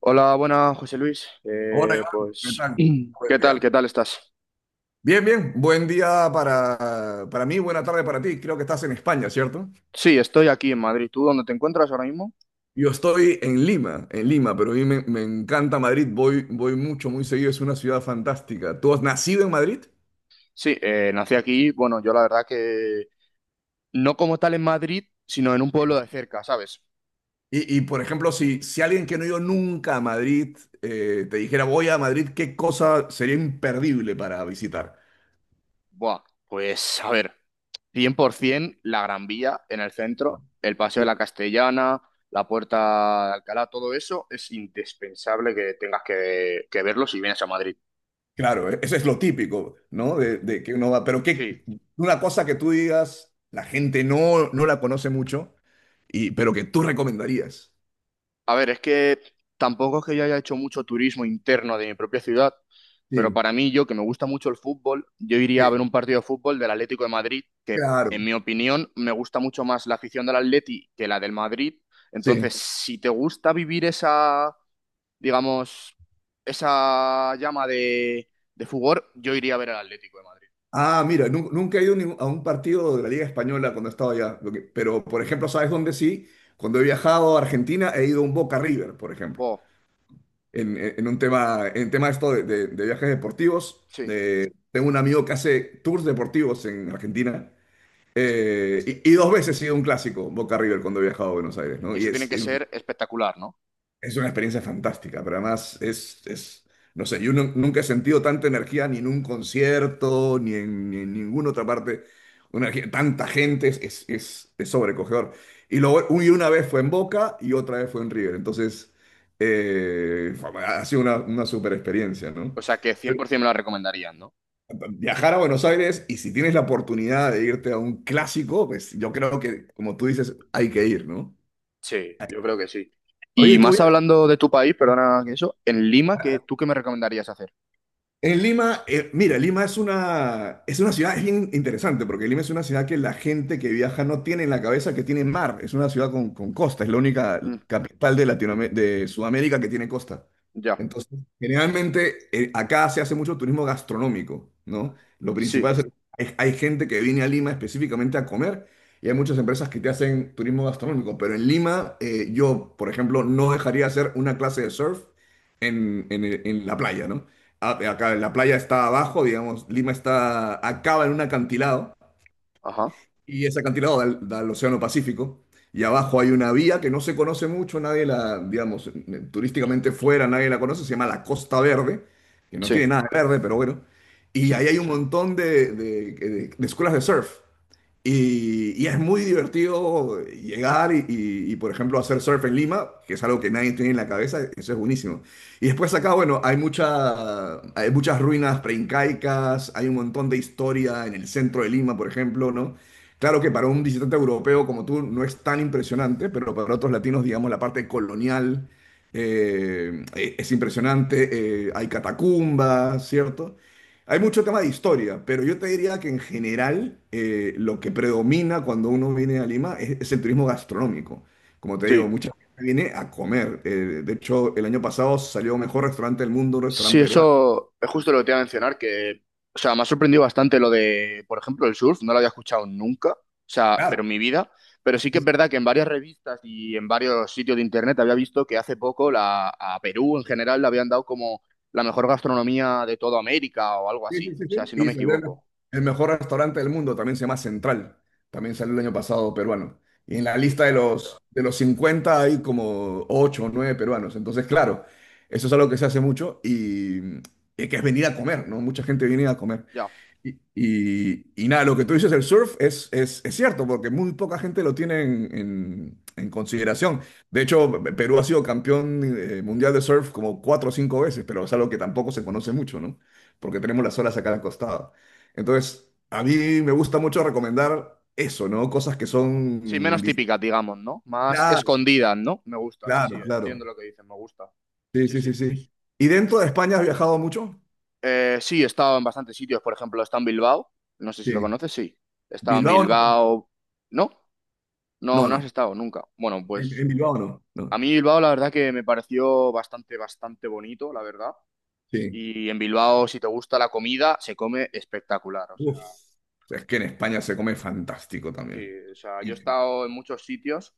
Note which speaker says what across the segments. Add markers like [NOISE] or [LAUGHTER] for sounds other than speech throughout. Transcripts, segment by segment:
Speaker 1: Hola, buenas, José Luis.
Speaker 2: Hola
Speaker 1: Eh,
Speaker 2: Iván, ¿qué
Speaker 1: pues, [CLEARS THROAT]
Speaker 2: tal? Buen
Speaker 1: ¿qué tal?
Speaker 2: día.
Speaker 1: ¿Qué tal estás?
Speaker 2: Bien, bien. Buen día para mí, buena tarde para ti. Creo que estás en España, ¿cierto?
Speaker 1: Sí, estoy aquí en Madrid. ¿Tú dónde te encuentras ahora mismo?
Speaker 2: Yo estoy en Lima, pero a mí me encanta Madrid. Voy mucho, muy seguido. Es una ciudad fantástica. ¿Tú has nacido en Madrid?
Speaker 1: Sí, nací aquí. Bueno, yo la verdad que no como tal en Madrid, sino en un
Speaker 2: Sí.
Speaker 1: pueblo de cerca, ¿sabes?
Speaker 2: Por ejemplo, si alguien que no ha ido nunca a Madrid te dijera voy a Madrid, ¿qué cosa sería imperdible para visitar?
Speaker 1: Buah, pues a ver, 100% la Gran Vía en el centro, el Paseo de la Castellana, la Puerta de Alcalá, todo eso es indispensable que tengas que verlo si vienes a Madrid.
Speaker 2: Claro, eso es lo típico, ¿no? De que uno va, pero
Speaker 1: Sí.
Speaker 2: que una cosa que tú digas, la gente no la conoce mucho, y, pero que tú recomendarías.
Speaker 1: A ver, es que tampoco es que yo haya hecho mucho turismo interno de mi propia ciudad, pero
Speaker 2: Sí,
Speaker 1: para mí, yo que me gusta mucho el fútbol, yo iría
Speaker 2: sí,
Speaker 1: a ver un partido de fútbol del Atlético de Madrid, que en
Speaker 2: claro,
Speaker 1: mi opinión me gusta mucho más la afición del Atleti que la del Madrid.
Speaker 2: sí.
Speaker 1: Entonces, si te gusta vivir esa, digamos, esa llama de fútbol, yo iría a ver al Atlético de Madrid.
Speaker 2: Ah, mira, nunca he ido a un partido de la Liga Española cuando he estado allá, pero por ejemplo, ¿sabes dónde sí? Cuando he viajado a Argentina he ido a un Boca River, por ejemplo,
Speaker 1: Oh,
Speaker 2: en un tema, en tema esto de viajes deportivos.
Speaker 1: sí,
Speaker 2: Tengo un amigo que hace tours deportivos en Argentina.
Speaker 1: sí.
Speaker 2: Y dos veces he sido un clásico, Boca River, cuando he viajado a Buenos Aires,
Speaker 1: Y
Speaker 2: ¿no? Y
Speaker 1: eso tiene
Speaker 2: es,
Speaker 1: que
Speaker 2: es
Speaker 1: ser espectacular, ¿no?
Speaker 2: es una experiencia fantástica, pero además es, no sé, yo nunca he sentido tanta energía ni en un concierto, ni en ninguna otra parte, tanta gente, es sobrecogedor. Y luego una vez fue en Boca y otra vez fue en River, entonces eh, ha sido una super experiencia, ¿no?
Speaker 1: O sea que 100% me la recomendarían, ¿no?
Speaker 2: Viajar a Buenos Aires y si tienes la oportunidad de irte a un clásico, pues yo creo que, como tú dices, hay que ir, ¿no?
Speaker 1: Sí, yo creo que sí. Y
Speaker 2: Oye, tú
Speaker 1: más
Speaker 2: viajas.
Speaker 1: hablando de tu país, perdona que eso, en Lima, ¿qué, tú qué me recomendarías hacer?
Speaker 2: En Lima, mira, Lima es una ciudad, es bien interesante, porque Lima es una ciudad que la gente que viaja no tiene en la cabeza que tiene mar, es una ciudad con costa, es la única
Speaker 1: Mm,
Speaker 2: capital de Latinoamérica, de Sudamérica que tiene costa.
Speaker 1: ya,
Speaker 2: Entonces, generalmente acá se hace mucho turismo gastronómico, ¿no? Lo
Speaker 1: sí,
Speaker 2: principal es, hay gente que viene a Lima específicamente a comer y hay muchas empresas que te hacen turismo gastronómico, pero en Lima yo, por ejemplo, no dejaría hacer una clase de surf en la playa, ¿no? Acá la playa está abajo, digamos, Lima acaba en un acantilado
Speaker 1: ajá,
Speaker 2: y ese acantilado da al Océano Pacífico y abajo hay una vía que no se conoce mucho, nadie la, digamos, turísticamente fuera, nadie la conoce, se llama la Costa Verde, que no
Speaker 1: sí.
Speaker 2: tiene nada de verde, pero bueno, y ahí hay un montón de escuelas de surf. Y es muy divertido llegar y, por ejemplo, hacer surf en Lima, que es algo que nadie tiene en la cabeza, eso es buenísimo. Y después acá, bueno, hay muchas ruinas preincaicas, hay un montón de historia en el centro de Lima, por ejemplo, ¿no? Claro que para un visitante europeo como tú no es tan impresionante, pero para otros latinos, digamos, la parte colonial es impresionante, hay catacumbas, ¿cierto? Hay mucho tema de historia, pero yo te diría que en general lo que predomina cuando uno viene a Lima es el turismo gastronómico. Como te digo,
Speaker 1: Sí.
Speaker 2: mucha gente viene a comer. De hecho, el año pasado salió mejor restaurante del mundo, un
Speaker 1: Sí,
Speaker 2: restaurante peruano.
Speaker 1: eso es justo lo que te iba a mencionar, que, o sea, me ha sorprendido bastante lo de, por ejemplo, el surf, no lo había escuchado nunca, o sea, pero
Speaker 2: Claro.
Speaker 1: en mi vida, pero sí que es verdad que en varias revistas y en varios sitios de internet había visto que hace poco a Perú en general le habían dado como la mejor gastronomía de toda América o algo
Speaker 2: Sí,
Speaker 1: así,
Speaker 2: sí, sí,
Speaker 1: o sea,
Speaker 2: sí.
Speaker 1: si no
Speaker 2: Y
Speaker 1: me
Speaker 2: salió el,
Speaker 1: equivoco.
Speaker 2: el mejor restaurante del mundo, también se llama Central, también salió el año pasado peruano. Y en la
Speaker 1: Sí, o
Speaker 2: lista
Speaker 1: sea,
Speaker 2: de los 50 hay como 8 o nueve peruanos. Entonces, claro, eso es algo que se hace mucho y que es venir a comer, ¿no? Mucha gente viene a comer.
Speaker 1: ya.
Speaker 2: Y nada, lo que tú dices del surf es cierto, porque muy poca gente lo tiene en consideración. De hecho, Perú ha sido campeón mundial de surf como cuatro o cinco veces, pero es algo que tampoco se conoce mucho, ¿no? Porque tenemos las olas acá al costado. Entonces, a mí me gusta mucho recomendar eso, ¿no? Cosas que
Speaker 1: Sí,
Speaker 2: son
Speaker 1: menos
Speaker 2: distintas.
Speaker 1: típicas, digamos, ¿no? Más
Speaker 2: Claro,
Speaker 1: escondidas, ¿no? Me gusta, sí, sí,
Speaker 2: claro, claro.
Speaker 1: entiendo lo que dices, me gusta.
Speaker 2: Sí,
Speaker 1: Sí,
Speaker 2: sí, sí,
Speaker 1: sí.
Speaker 2: sí. ¿Y dentro de España has viajado mucho?
Speaker 1: Sí, he estado en bastantes sitios, por ejemplo, he estado en Bilbao, no sé si lo
Speaker 2: Sí.
Speaker 1: conoces, sí. He estado en
Speaker 2: Bilbao no.
Speaker 1: Bilbao, ¿no? No,
Speaker 2: No,
Speaker 1: no has
Speaker 2: no.
Speaker 1: estado nunca. Bueno,
Speaker 2: En,
Speaker 1: pues
Speaker 2: en Bilbao no.
Speaker 1: a
Speaker 2: No.
Speaker 1: mí Bilbao la verdad que me pareció bastante, bastante bonito, la verdad.
Speaker 2: Sí.
Speaker 1: Y en Bilbao, si te gusta la comida, se come espectacular, o sea,
Speaker 2: Uf, es que en España se come fantástico
Speaker 1: sí,
Speaker 2: también.
Speaker 1: o sea, yo
Speaker 2: Y,
Speaker 1: he estado en muchos sitios.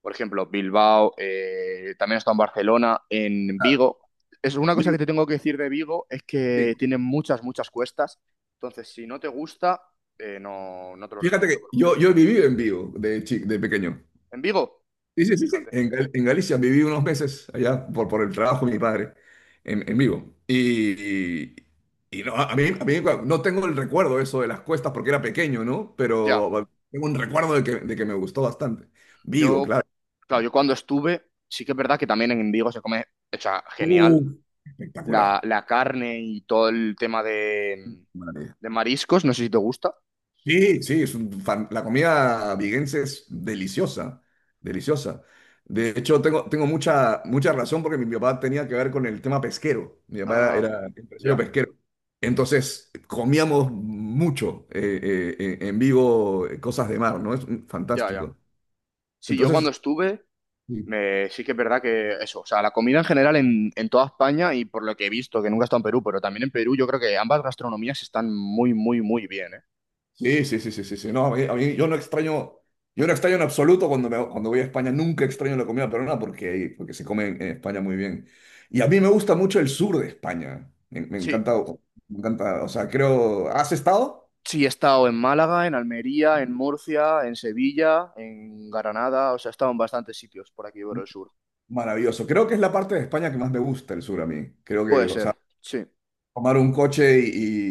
Speaker 1: Por ejemplo, Bilbao, también he estado en Barcelona, en
Speaker 2: claro,
Speaker 1: Vigo. Es una cosa que
Speaker 2: Vigo,
Speaker 1: te tengo que decir de Vigo es
Speaker 2: sí.
Speaker 1: que tiene muchas, muchas cuestas. Entonces, si no te gusta, no, no te lo
Speaker 2: Fíjate
Speaker 1: recomiendo.
Speaker 2: que yo he vivido en Vigo de pequeño.
Speaker 1: En Vigo,
Speaker 2: Sí, sí, sí, sí.
Speaker 1: fíjate.
Speaker 2: En Galicia viví unos meses allá por el trabajo de mi padre en Vigo. Y no, a mí no tengo el recuerdo eso de las cuestas porque era pequeño, ¿no?
Speaker 1: Ya,
Speaker 2: Pero bueno, tengo un recuerdo de que me gustó bastante. Vigo,
Speaker 1: yo,
Speaker 2: claro.
Speaker 1: claro, yo cuando estuve, sí que es verdad que también en Vigo se come, o sea, genial.
Speaker 2: Uh,
Speaker 1: La,
Speaker 2: Espectacular.
Speaker 1: la carne y todo el tema de, mariscos, no sé si te gusta.
Speaker 2: Sí, sí, la comida viguense es deliciosa, deliciosa. De hecho, tengo mucha, mucha razón porque mi papá tenía que ver con el tema pesquero. Mi papá
Speaker 1: Ah,
Speaker 2: era empresario
Speaker 1: ya,
Speaker 2: pesquero. Entonces, comíamos mucho en vivo cosas de mar, ¿no? Es
Speaker 1: ya, ya.
Speaker 2: fantástico.
Speaker 1: Sí, yo cuando
Speaker 2: Entonces,
Speaker 1: estuve. Sí que es verdad que eso, o sea, la comida en general en toda España y por lo que he visto, que nunca he estado en Perú, pero también en Perú yo creo que ambas gastronomías están muy, muy, muy bien, ¿eh?
Speaker 2: sí, sí, sí, sí, sí, sí. No, yo no extraño en absoluto cuando voy a España, nunca extraño la comida peruana porque se come en España muy bien. Y a mí me gusta mucho el sur de España. Me
Speaker 1: Sí,
Speaker 2: encanta, me encanta, o sea, creo, ¿has estado?
Speaker 1: sí, he estado en Málaga, en Almería, en Murcia, en Sevilla, en Granada, o sea, he estado en bastantes sitios por aquí por el sur.
Speaker 2: Maravilloso. Creo que es la parte de España que más me gusta el sur a mí. Creo que,
Speaker 1: Puede
Speaker 2: o
Speaker 1: ser, sí,
Speaker 2: tomar un coche y,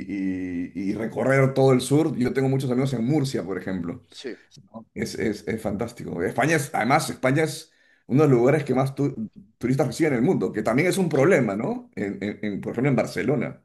Speaker 2: y recorrer todo el sur. Yo tengo muchos amigos en Murcia, por ejemplo.
Speaker 1: sí,
Speaker 2: ¿No? Es fantástico. España es, además, España es uno de los lugares que más turistas reciben en el mundo, que también es un
Speaker 1: sí.
Speaker 2: problema, ¿no? En, por ejemplo, en Barcelona.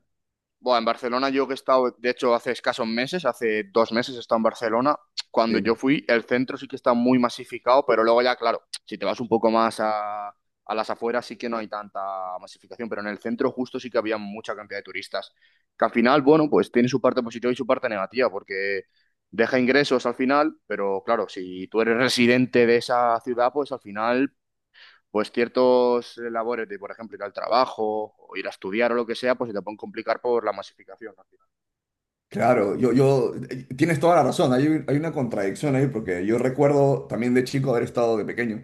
Speaker 1: Bueno, en Barcelona yo que he estado, de hecho, hace escasos meses, hace 2 meses he estado en Barcelona. Cuando yo
Speaker 2: Sí.
Speaker 1: fui, el centro sí que está muy masificado, pero luego ya, claro, si te vas un poco más a las afueras sí que no hay tanta masificación, pero en el centro justo sí que había mucha cantidad de turistas. Que al final, bueno, pues tiene su parte positiva y su parte negativa, porque deja ingresos al final, pero claro, si tú eres residente de esa ciudad, pues al final pues ciertos labores de, por ejemplo, ir al trabajo o ir a estudiar o lo que sea, pues se te pueden complicar por la masificación al final.
Speaker 2: Claro, tienes toda la razón, hay una contradicción ahí, porque yo recuerdo también de chico haber estado, de pequeño,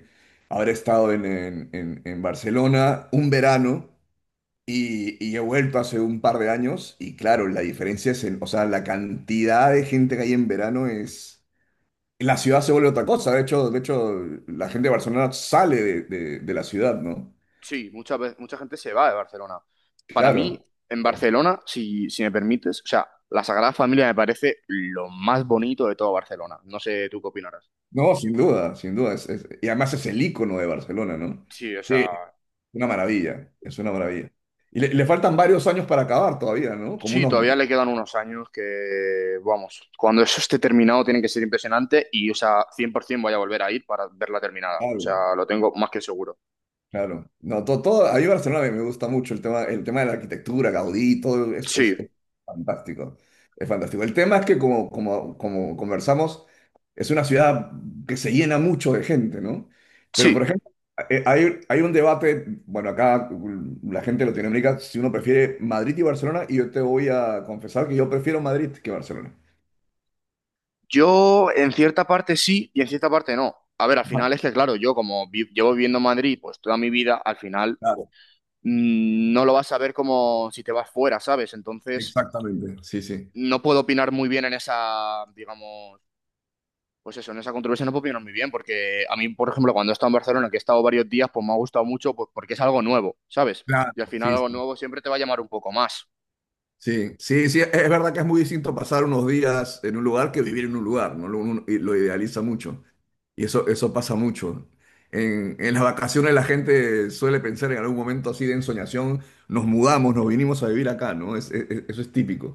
Speaker 2: haber estado en, en Barcelona un verano. Y he vuelto hace un par de años y claro, la diferencia es, en, o sea, la cantidad de gente que hay en verano es... La ciudad se vuelve otra cosa, de hecho, la gente de Barcelona sale de la ciudad, ¿no?
Speaker 1: Sí, mucha gente se va de Barcelona. Para mí,
Speaker 2: Claro.
Speaker 1: en Barcelona, si me permites, o sea, la Sagrada Familia me parece lo más bonito de todo Barcelona. No sé tú qué opinarás.
Speaker 2: No, sin duda, sin duda. Y además es el icono de Barcelona, ¿no?
Speaker 1: Sí, o
Speaker 2: Sí, es
Speaker 1: sea,
Speaker 2: una maravilla, es una maravilla. Y le faltan varios años para acabar todavía, ¿no? Como
Speaker 1: sí,
Speaker 2: unos...
Speaker 1: todavía le quedan unos años que, vamos, cuando eso esté terminado tiene que ser impresionante y, o sea, 100% voy a volver a ir para verla terminada. O
Speaker 2: Claro.
Speaker 1: sea, lo tengo más que seguro.
Speaker 2: Claro, no, todo, a mí Barcelona me gusta mucho el tema de la arquitectura, Gaudí, todo es, es-
Speaker 1: Sí,
Speaker 2: es fantástico, es fantástico. El tema es que como conversamos, es una ciudad que se llena mucho de gente, ¿no? Pero por
Speaker 1: sí.
Speaker 2: ejemplo, hay un debate, bueno, acá la gente de Latinoamérica, si uno prefiere Madrid y Barcelona, y yo te voy a confesar que yo prefiero Madrid que Barcelona.
Speaker 1: Yo en cierta parte sí y en cierta parte no. A ver, al final
Speaker 2: Ajá.
Speaker 1: es que, claro, yo como llevo viviendo en Madrid pues toda mi vida, al final
Speaker 2: Claro,
Speaker 1: no lo vas a ver como si te vas fuera, ¿sabes? Entonces,
Speaker 2: exactamente, sí, sí.
Speaker 1: no puedo opinar muy bien en esa, digamos, pues eso, en esa controversia no puedo opinar muy bien porque a mí, por ejemplo, cuando he estado en Barcelona, que he estado varios días, pues me ha gustado mucho pues, porque es algo nuevo, ¿sabes?
Speaker 2: Claro,
Speaker 1: Y al final
Speaker 2: sí,
Speaker 1: algo
Speaker 2: sí.
Speaker 1: nuevo siempre te va a llamar un poco más.
Speaker 2: Sí, sí, sí, es verdad que es muy distinto pasar unos días en un lugar que vivir en un lugar, ¿no? Uno y lo idealiza mucho y eso pasa mucho. En las vacaciones la gente suele pensar en algún momento así de ensoñación, nos mudamos, nos vinimos a vivir acá, ¿no? Eso es típico.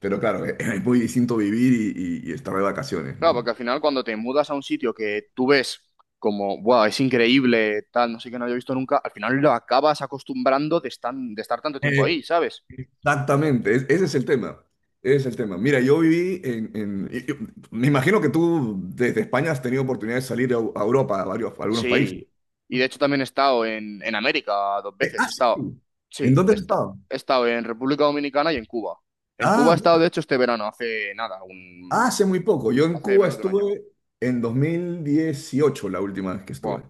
Speaker 2: Pero claro, es muy distinto vivir y, y estar de vacaciones,
Speaker 1: Claro,
Speaker 2: ¿no?
Speaker 1: porque al final cuando te mudas a un sitio que tú ves como, wow, es increíble, tal, no sé qué no había visto nunca, al final lo acabas acostumbrando de estar tanto tiempo ahí, ¿sabes?
Speaker 2: Exactamente, ese es el tema. Ese es el tema. Mira, yo viví en, me imagino que tú desde España has tenido oportunidad de salir a Europa, a algunos países.
Speaker 1: Sí. Y de
Speaker 2: ¿No?
Speaker 1: hecho también he estado en América dos
Speaker 2: Eh,
Speaker 1: veces.
Speaker 2: ah,
Speaker 1: He estado,
Speaker 2: sí. ¿En
Speaker 1: sí,
Speaker 2: dónde has estado?
Speaker 1: he estado en República Dominicana y en Cuba. En Cuba
Speaker 2: Ah,
Speaker 1: he estado, de
Speaker 2: mira,
Speaker 1: hecho, este verano, hace nada,
Speaker 2: hace muy poco. Yo en
Speaker 1: hace
Speaker 2: Cuba
Speaker 1: menos de un año.
Speaker 2: estuve en 2018, la última vez que
Speaker 1: Buah.
Speaker 2: estuve.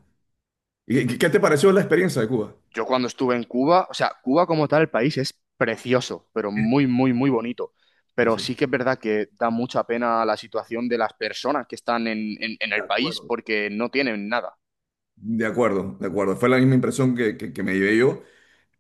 Speaker 2: ¿Y qué te pareció la experiencia de Cuba?
Speaker 1: Yo cuando estuve en Cuba, o sea, Cuba como tal, el país es precioso, pero muy, muy, muy bonito.
Speaker 2: Sí,
Speaker 1: Pero sí
Speaker 2: sí.
Speaker 1: que es verdad que da mucha pena la situación de las personas que están en, en
Speaker 2: De
Speaker 1: el país
Speaker 2: acuerdo.
Speaker 1: porque no tienen nada.
Speaker 2: De acuerdo, de acuerdo. Fue la misma impresión que me llevé yo.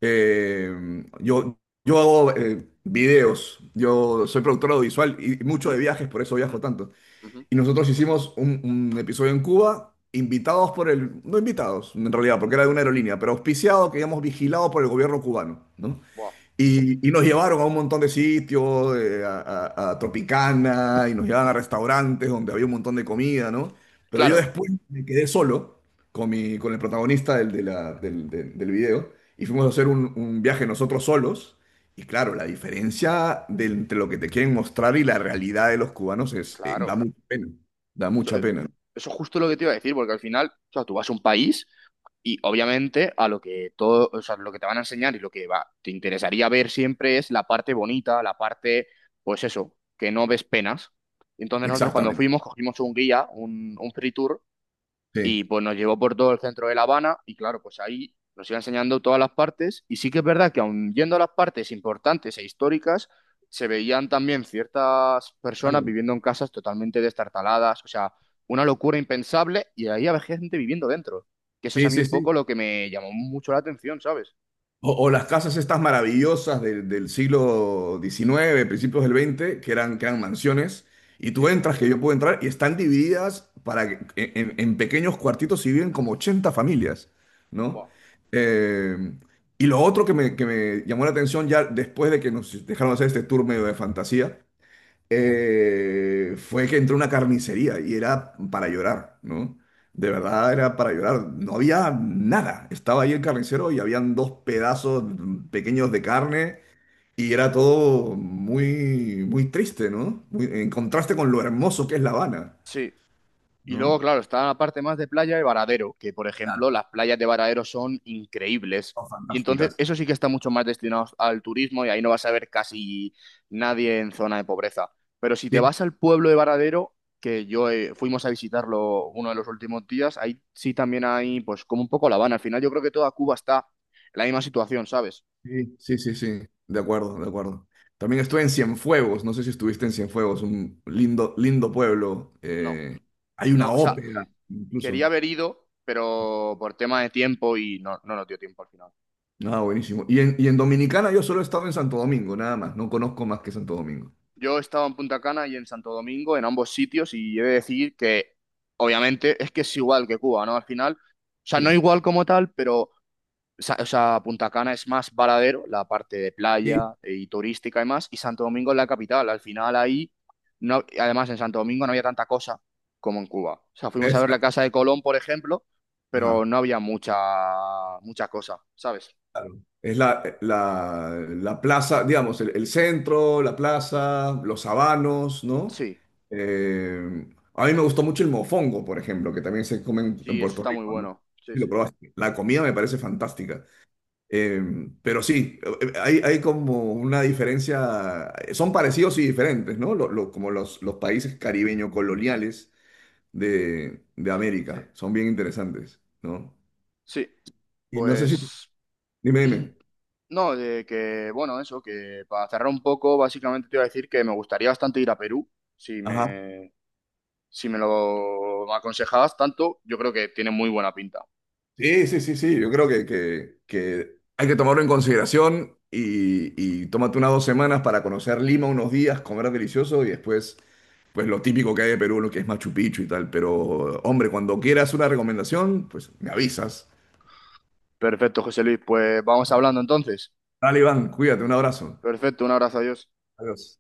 Speaker 2: Eh, yo, yo hago videos, yo soy productor audiovisual y mucho
Speaker 1: Ujú,
Speaker 2: de viajes, por eso viajo tanto.
Speaker 1: ujú.
Speaker 2: Y nosotros hicimos un episodio en Cuba, invitados por el, no invitados en realidad, porque era de una aerolínea, pero auspiciado, que digamos, vigilado por el gobierno cubano, ¿no?
Speaker 1: Buah.
Speaker 2: Y nos llevaron a un montón de sitios, a Tropicana, y nos llevaban a restaurantes donde había un montón de comida, ¿no? Pero yo
Speaker 1: Claro,
Speaker 2: después me quedé solo con el protagonista del, de la- del, del- del video y fuimos a hacer un viaje nosotros solos. Y claro, la diferencia de entre lo que te quieren mostrar y la realidad de los cubanos da
Speaker 1: claro.
Speaker 2: mucha pena, da
Speaker 1: Eso,
Speaker 2: mucha
Speaker 1: eh,
Speaker 2: pena. ¿No?
Speaker 1: eso es justo lo que te iba a decir, porque al final, o sea, tú vas a un país. Y obviamente a lo que todo, o sea, lo que te van a enseñar y lo que va, te interesaría ver siempre es la parte bonita, la parte, pues eso, que no ves penas. Entonces nosotros cuando
Speaker 2: Exactamente.
Speaker 1: fuimos cogimos un guía, un free tour,
Speaker 2: Sí,
Speaker 1: y pues nos llevó por todo el centro de La Habana y claro, pues ahí nos iba enseñando todas las partes y sí que es verdad que aun yendo a las partes importantes e históricas, se veían también ciertas personas
Speaker 2: claro.
Speaker 1: viviendo en casas totalmente destartaladas, o sea, una locura impensable y ahí había gente viviendo dentro. Que eso es a
Speaker 2: Sí,
Speaker 1: mí
Speaker 2: sí,
Speaker 1: un
Speaker 2: sí.
Speaker 1: poco lo que me llamó mucho la atención, ¿sabes?
Speaker 2: O las casas estas maravillosas del siglo XIX principios del veinte que eran mansiones, y tú
Speaker 1: Sí,
Speaker 2: entras, que yo puedo entrar, y están divididas en pequeños cuartitos y viven como 80 familias, ¿no?
Speaker 1: buah.
Speaker 2: Eh, y lo otro que me llamó la atención ya después de que nos dejaron hacer este tour medio de fantasía, fue que entré a una carnicería y era para llorar, ¿no? De verdad era para llorar. No había nada. Estaba ahí el carnicero y habían dos pedazos pequeños de carne y era todo muy, muy triste, ¿no? En contraste con lo hermoso que es La Habana,
Speaker 1: Sí. Y luego,
Speaker 2: ¿no?
Speaker 1: claro, está la parte más de playa de Varadero, que por
Speaker 2: Claro,
Speaker 1: ejemplo, las playas de Varadero son increíbles.
Speaker 2: son
Speaker 1: Y entonces,
Speaker 2: fantásticas.
Speaker 1: eso sí que está mucho más destinado al turismo y ahí no vas a ver casi nadie en zona de pobreza. Pero si te
Speaker 2: Sí,
Speaker 1: vas al pueblo de Varadero, que yo fuimos a visitarlo uno de los últimos días, ahí sí también hay, pues, como un poco La Habana. Al final, yo creo que toda Cuba está en la misma situación, ¿sabes?
Speaker 2: sí, sí, sí, sí. De acuerdo, de acuerdo. También estuve en Cienfuegos, no sé si estuviste en Cienfuegos, un lindo, lindo pueblo.
Speaker 1: No,
Speaker 2: Hay una
Speaker 1: no, o sea,
Speaker 2: ópera,
Speaker 1: quería
Speaker 2: incluso.
Speaker 1: haber ido, pero por tema de tiempo y no, no nos dio tiempo al final.
Speaker 2: Ah, buenísimo. Y en Dominicana yo solo he estado en Santo Domingo, nada más. No conozco más que Santo Domingo.
Speaker 1: Yo estaba en Punta Cana y en Santo Domingo, en ambos sitios, y he de decir que, obviamente, es que es igual que Cuba, ¿no? Al final, o sea, no
Speaker 2: Sí,
Speaker 1: igual como tal, pero, o sea, Punta Cana es más varadero, la parte de
Speaker 2: sí.
Speaker 1: playa y turística y más, y Santo Domingo es la capital. Al final ahí, no, además en Santo Domingo no había tanta cosa como en Cuba. O sea, fuimos a
Speaker 2: Es,
Speaker 1: ver la Casa de Colón, por ejemplo,
Speaker 2: ajá,
Speaker 1: pero no había mucha, mucha cosa, ¿sabes?
Speaker 2: claro. Es la plaza, digamos, el centro, la plaza, los sabanos, ¿no?
Speaker 1: Sí,
Speaker 2: Eh, a mí me gustó mucho el mofongo, por ejemplo, que también se come en
Speaker 1: sí, eso
Speaker 2: Puerto
Speaker 1: está muy
Speaker 2: Rico, ¿no?
Speaker 1: bueno. Sí,
Speaker 2: Sí, lo
Speaker 1: sí,
Speaker 2: probaste. La comida me parece fantástica. Eh, pero sí, hay como una diferencia, son parecidos y diferentes, ¿no? Como los países caribeño coloniales de Sí.
Speaker 1: sí.
Speaker 2: América, son bien interesantes, ¿no?
Speaker 1: Sí,
Speaker 2: Y no sé si...
Speaker 1: pues.
Speaker 2: Dime,
Speaker 1: [CLEARS THROAT]
Speaker 2: dime.
Speaker 1: No, de que, bueno, eso, que para cerrar un poco, básicamente te iba a decir que me gustaría bastante ir a Perú, si
Speaker 2: Ajá.
Speaker 1: me, si me lo aconsejabas tanto, yo creo que tiene muy buena pinta.
Speaker 2: Sí, sí, sí, sí, yo creo que hay que tomarlo en consideración y tómate unas 2 semanas para conocer Lima unos días, comer delicioso y después, pues lo típico que hay de Perú, lo que es Machu Picchu y tal, pero hombre, cuando quieras una recomendación, pues me avisas.
Speaker 1: Perfecto, José Luis, pues vamos hablando entonces.
Speaker 2: Dale, Iván, cuídate, un abrazo.
Speaker 1: Perfecto, un abrazo, adiós.
Speaker 2: Adiós.